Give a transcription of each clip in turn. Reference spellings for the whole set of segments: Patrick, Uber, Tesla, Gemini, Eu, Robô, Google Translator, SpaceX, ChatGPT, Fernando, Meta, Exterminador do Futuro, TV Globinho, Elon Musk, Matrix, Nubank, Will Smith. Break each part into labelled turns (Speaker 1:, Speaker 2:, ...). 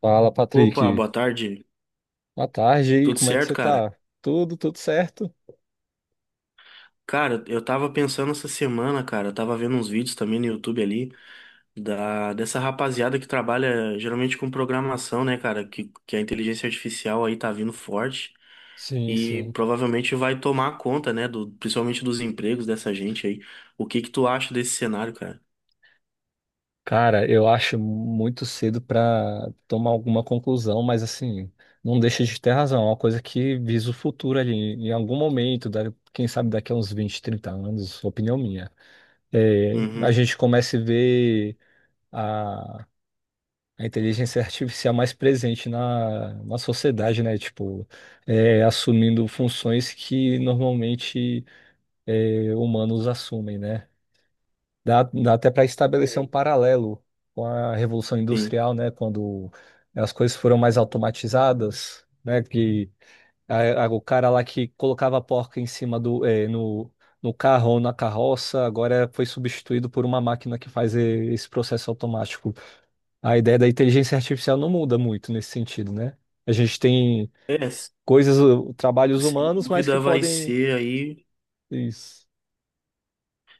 Speaker 1: Fala,
Speaker 2: Opa,
Speaker 1: Patrick.
Speaker 2: boa tarde.
Speaker 1: Boa tarde aí.
Speaker 2: Tudo
Speaker 1: Como é que
Speaker 2: certo,
Speaker 1: você
Speaker 2: cara?
Speaker 1: tá? Tudo certo?
Speaker 2: Cara, eu tava pensando essa semana, cara, eu tava vendo uns vídeos também no YouTube ali da dessa rapaziada que trabalha geralmente com programação, né, cara, que a inteligência artificial aí tá vindo forte
Speaker 1: Sim,
Speaker 2: e
Speaker 1: sim.
Speaker 2: provavelmente vai tomar conta, né, do principalmente dos empregos dessa gente aí. O que que tu acha desse cenário, cara?
Speaker 1: Cara, eu acho muito cedo pra tomar alguma conclusão, mas assim, não deixa de ter razão. É uma coisa que visa o futuro ali, em algum momento, quem sabe daqui a uns 20, 30 anos, opinião minha. É, a
Speaker 2: Uhum.
Speaker 1: gente começa a ver a, a inteligência artificial mais presente na sociedade, né? Tipo, assumindo funções que normalmente. Humanos assumem, né? Dá até para estabelecer
Speaker 2: É.
Speaker 1: um paralelo com a Revolução
Speaker 2: Sim.
Speaker 1: Industrial, né? Quando as coisas foram mais automatizadas, né? Que o cara lá que colocava a porca em cima do, no carro ou na carroça, agora foi substituído por uma máquina que faz esse processo automático. A ideia da inteligência artificial não muda muito nesse sentido, né? A gente tem
Speaker 2: É, s-
Speaker 1: coisas, trabalhos
Speaker 2: sem
Speaker 1: humanos, mas que
Speaker 2: dúvida vai
Speaker 1: podem...
Speaker 2: ser aí.
Speaker 1: Isso.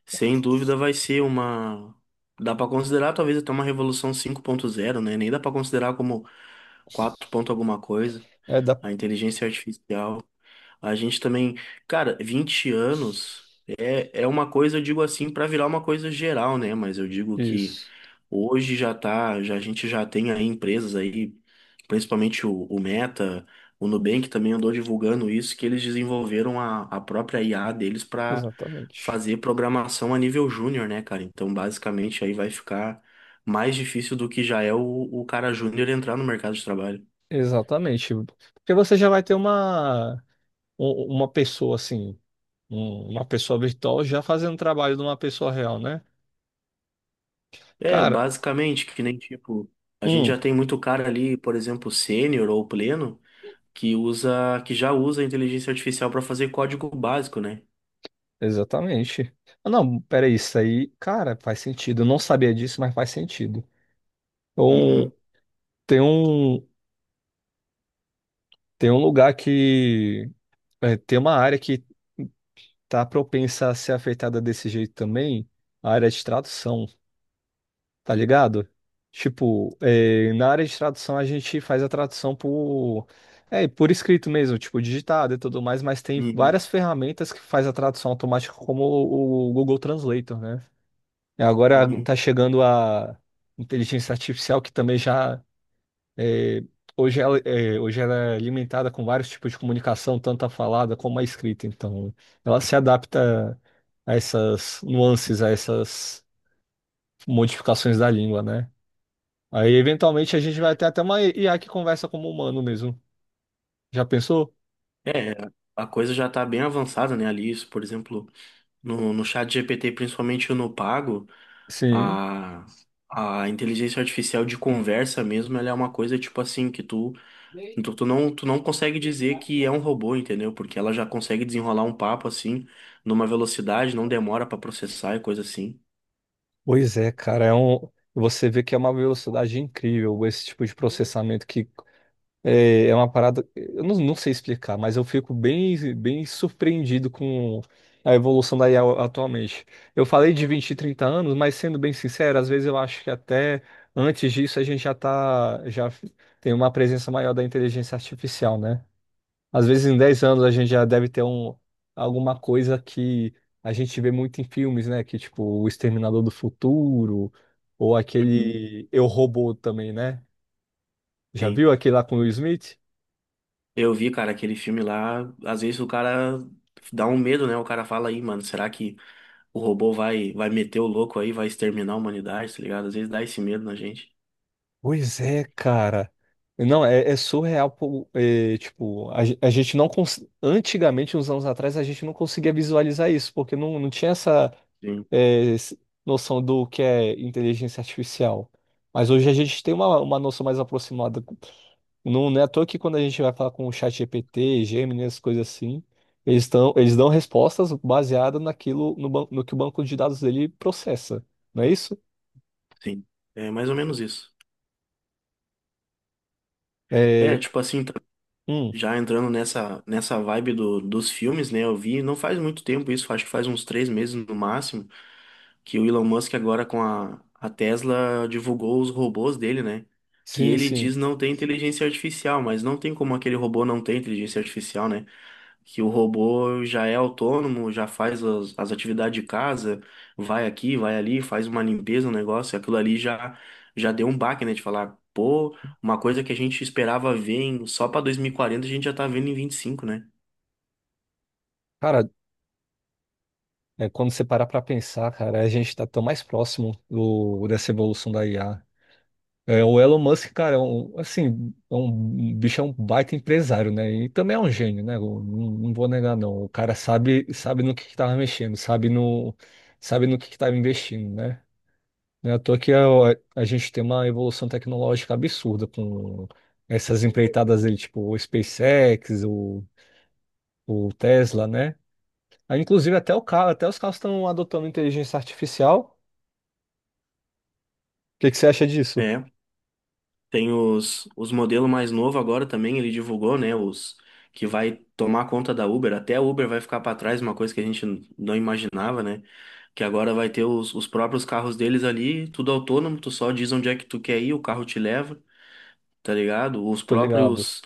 Speaker 2: Sem dúvida vai ser uma. Dá para considerar talvez até uma revolução 5.0, né? Nem dá para considerar como 4 ponto alguma coisa.
Speaker 1: É da...
Speaker 2: A inteligência artificial. A gente também. Cara, 20 anos é, é uma coisa, eu digo assim, para virar uma coisa geral, né? Mas eu digo que
Speaker 1: Isso.
Speaker 2: hoje já tá, já, a gente já tem aí empresas aí, principalmente o Meta, o Nubank também andou divulgando isso, que eles desenvolveram a própria IA deles para
Speaker 1: Exatamente.
Speaker 2: fazer programação a nível júnior, né, cara? Então, basicamente, aí vai ficar mais difícil do que já é o cara júnior entrar no mercado de trabalho.
Speaker 1: Exatamente. Porque você já vai ter uma, uma pessoa assim, uma pessoa virtual já fazendo o trabalho de uma pessoa real, né?
Speaker 2: É,
Speaker 1: Cara,
Speaker 2: basicamente, que nem tipo, a gente
Speaker 1: hum,
Speaker 2: já tem muito cara ali, por exemplo, sênior ou pleno, que já usa a inteligência artificial para fazer código básico, né?
Speaker 1: exatamente. Ah, não, peraí, isso aí, cara, faz sentido. Eu não sabia disso, mas faz sentido. Então,
Speaker 2: Uhum.
Speaker 1: tem um, tem um lugar que, tem uma área que tá propensa a ser afetada desse jeito também, a área de tradução. Tá ligado? Tipo, é, na área de tradução a gente faz a tradução por, é, por escrito mesmo, tipo, digitado e tudo mais, mas tem
Speaker 2: Uhum.
Speaker 1: várias ferramentas que faz a tradução automática, como o Google Translator, né? E agora
Speaker 2: Uhum.
Speaker 1: tá chegando a inteligência artificial que também já é, hoje ela, é, hoje ela é alimentada com vários tipos de comunicação, tanto a falada como a escrita. Então, ela se adapta a essas nuances, a essas modificações da língua, né? Aí, eventualmente, a gente vai ter até uma IA que conversa como humano mesmo. Já pensou?
Speaker 2: É, a coisa já está bem avançada, né, ali, isso, por exemplo, no chat GPT, principalmente no pago,
Speaker 1: Sim.
Speaker 2: a, a inteligência artificial de conversa mesmo, ela é uma coisa, tipo assim, que tu, tu, tu não consegue dizer que é um robô, entendeu? Porque ela já consegue desenrolar um papo, assim, numa velocidade, não demora para processar e coisa assim.
Speaker 1: Pois é, cara. É um... Você vê que é uma velocidade incrível esse tipo de processamento que é, é uma parada. Eu não sei explicar, mas eu fico bem surpreendido com a evolução da IA atualmente. Eu falei de 20 e 30 anos, mas sendo bem sincero, às vezes eu acho que até antes disso a gente já tá, já tem uma presença maior da inteligência artificial, né? Às vezes em 10 anos a gente já deve ter um, alguma coisa que a gente vê muito em filmes, né? Que tipo O Exterminador do Futuro ou
Speaker 2: Uhum.
Speaker 1: aquele Eu, Robô também, né? Já
Speaker 2: Sim.
Speaker 1: viu aquele lá com o Will Smith?
Speaker 2: Eu vi, cara, aquele filme lá, às vezes o cara dá um medo, né, o cara fala aí, mano, será que o robô vai meter o louco aí, vai exterminar a humanidade, tá ligado? Às vezes dá esse medo na gente.
Speaker 1: Pois é, cara. Não, é, é surreal, pô, é, tipo, a, a gente não cons... antigamente, uns anos atrás, a gente não conseguia visualizar isso, porque não tinha essa
Speaker 2: Sim,
Speaker 1: é, s- noção do que é inteligência artificial. Mas hoje a gente tem uma noção mais aproximada. Não, não é à toa que quando a gente vai falar com o chat GPT, Gemini, essas coisas assim, eles estão, eles dão respostas baseadas naquilo, no que o banco de dados dele processa, não é isso?
Speaker 2: sim. É mais ou menos isso. É,
Speaker 1: É, c-
Speaker 2: tipo assim, tá-
Speaker 1: hum,
Speaker 2: Já entrando nessa vibe do, dos filmes, né? Eu vi, não faz muito tempo isso, acho que faz uns 3 meses no máximo, que o Elon Musk agora com a Tesla divulgou os robôs dele, né? Que
Speaker 1: sim,
Speaker 2: ele diz
Speaker 1: sim.
Speaker 2: não ter inteligência artificial, mas não tem como aquele robô não ter inteligência artificial, né? Que o robô já é autônomo, já faz as atividades de casa, vai aqui, vai ali, faz uma limpeza, um negócio, já deu um baque, né? De falar, pô, uma coisa que a gente esperava ver em, só para 2040, a gente já tá vendo em 25, né?
Speaker 1: Cara, é, quando você parar pra pensar, cara, a gente tá tão mais próximo do, dessa evolução da IA. É, o Elon Musk, cara, é um, assim, é um, um bicho, é um baita empresário, né? E também é um gênio, né? Eu não vou negar, não. O cara sabe, sabe no que tava mexendo, sabe no que tava investindo, né? Não é à toa que a gente tem uma evolução tecnológica absurda com essas empreitadas dele, tipo o SpaceX, o Tesla, né? Aí, inclusive, até o carro, até os carros estão adotando inteligência artificial. O que que você acha disso?
Speaker 2: É, tem os modelos mais novos agora também, ele divulgou, né? Os que vai tomar conta da Uber, até a Uber vai ficar para trás, uma coisa que a gente não imaginava, né? Que agora vai ter os próprios carros deles ali, tudo autônomo, tu só diz onde é que tu quer ir, o carro te leva. Tá ligado?
Speaker 1: Tô ligado.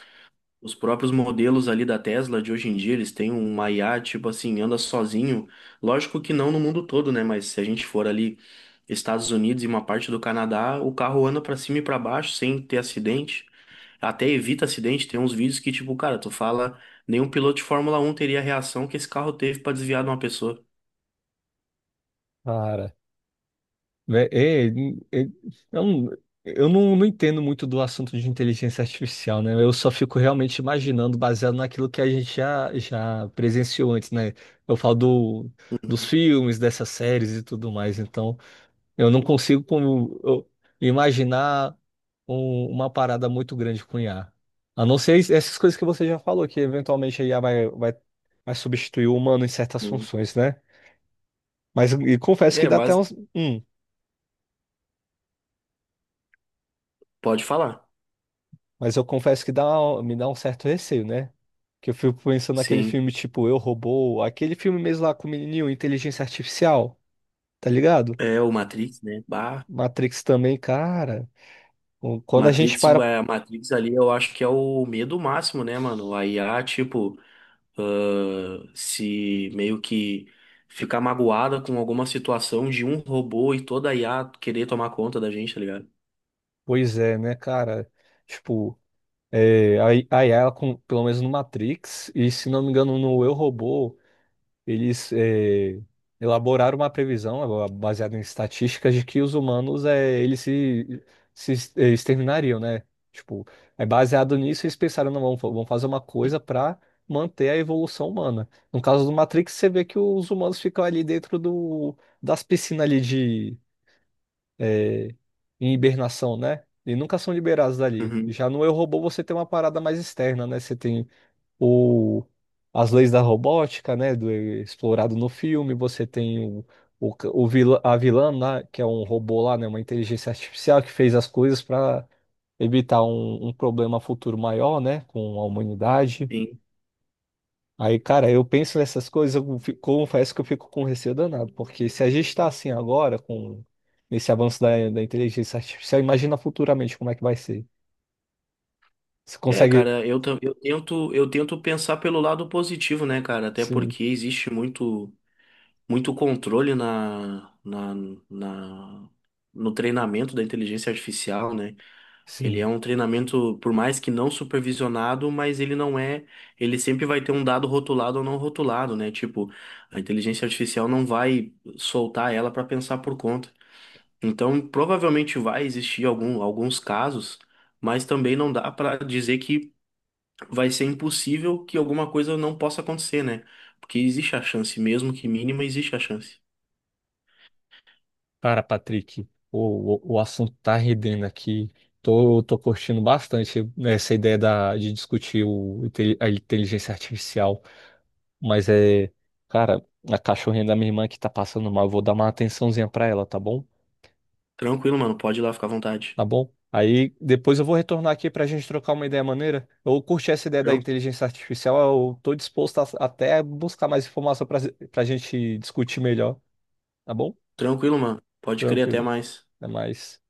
Speaker 2: Os próprios modelos ali da Tesla de hoje em dia, eles têm uma IA, tipo assim, anda sozinho. Lógico que não no mundo todo, né? Mas se a gente for ali Estados Unidos e uma parte do Canadá, o carro anda pra cima e pra baixo sem ter acidente. Até evita acidente. Tem uns vídeos que, tipo, cara, tu fala, nenhum piloto de Fórmula Um teria a reação que esse carro teve pra desviar de uma pessoa.
Speaker 1: Cara. Né? É, é, eu não, eu não entendo muito do assunto de inteligência artificial, né? Eu só fico realmente imaginando, baseado naquilo que a gente já, já presenciou antes, né? Eu falo do, dos filmes, dessas séries e tudo mais, então eu não consigo como, eu imaginar uma parada muito grande com IA. A não ser essas coisas que você já falou, que eventualmente a IA vai, vai, vai substituir o humano em certas
Speaker 2: Hum.
Speaker 1: funções, né? Mas e confesso que
Speaker 2: É,
Speaker 1: dá até
Speaker 2: mas
Speaker 1: uns. Hum,
Speaker 2: Pode falar.
Speaker 1: mas eu confesso que dá, me dá um certo receio, né? Que eu fico pensando naquele
Speaker 2: Sim.
Speaker 1: filme tipo Eu, Robô, aquele filme mesmo lá com o menininho, Inteligência Artificial, tá ligado?
Speaker 2: É o Matrix, né? Bah.
Speaker 1: Matrix também, cara. Quando a gente
Speaker 2: Matrix,
Speaker 1: para.
Speaker 2: é, a Matrix ali eu acho que é o medo máximo, né, mano? A IA, tipo, ah, se meio que ficar magoada com alguma situação de um robô e toda a IA querer tomar conta da gente, tá ligado?
Speaker 1: Pois é, né, cara? Tipo, é, a a IA, com- pelo menos no Matrix, e se não me engano no Eu, Robô. Eles elaboraram uma previsão baseada em estatísticas de que os humanos eles se, exterminariam, né? Tipo, é baseado nisso eles pensaram, não, vamos fazer uma coisa para manter a evolução humana. No caso do Matrix, você vê que os humanos ficam ali dentro do, das piscinas ali de eh, em hibernação, né? E nunca são liberados dali.
Speaker 2: Uhum,
Speaker 1: Já no Eu, Robô você tem uma parada mais externa, né? Você tem ou as leis da robótica, né, do explorado no filme, você tem o vilã, a vilã lá, que é um robô lá, né, uma inteligência artificial que fez as coisas para evitar um, um problema futuro maior, né, com a humanidade.
Speaker 2: sim.
Speaker 1: Aí, cara, eu penso nessas coisas, eu confesso que eu fico com receio danado, porque se a gente está assim agora, com esse avanço da inteligência artificial, imagina futuramente como é que vai ser. Você
Speaker 2: É,
Speaker 1: consegue,
Speaker 2: cara, eu tento pensar pelo lado positivo, né, cara? Até
Speaker 1: sim,
Speaker 2: porque existe muito, muito controle na, no treinamento da inteligência artificial, né? Ele é
Speaker 1: sim.
Speaker 2: um treinamento, por mais que não supervisionado, mas ele não é. Ele sempre vai ter um dado rotulado ou não rotulado, né? Tipo, a inteligência artificial não vai soltar ela para pensar por conta. Então, provavelmente vai existir alguns casos, mas também não dá para dizer que vai ser impossível que alguma coisa não possa acontecer, né? Porque existe a chance, mesmo que mínima, existe a chance.
Speaker 1: Cara, Patrick, o assunto tá rendendo aqui. Tô curtindo bastante essa ideia da, de discutir o, a inteligência artificial. Mas é, cara, a cachorrinha da minha irmã que tá passando mal, eu vou dar uma atençãozinha pra ela, tá bom?
Speaker 2: Tranquilo, mano, pode ir lá ficar à vontade.
Speaker 1: Tá bom? Aí depois eu vou retornar aqui pra gente trocar uma ideia maneira. Eu curti essa ideia da
Speaker 2: Tran-
Speaker 1: inteligência artificial, eu tô disposto a, até buscar mais informação pra, pra gente discutir melhor, tá bom?
Speaker 2: Tranquilo, mano, pode crer, até
Speaker 1: Tranquilo,
Speaker 2: mais.
Speaker 1: até mais.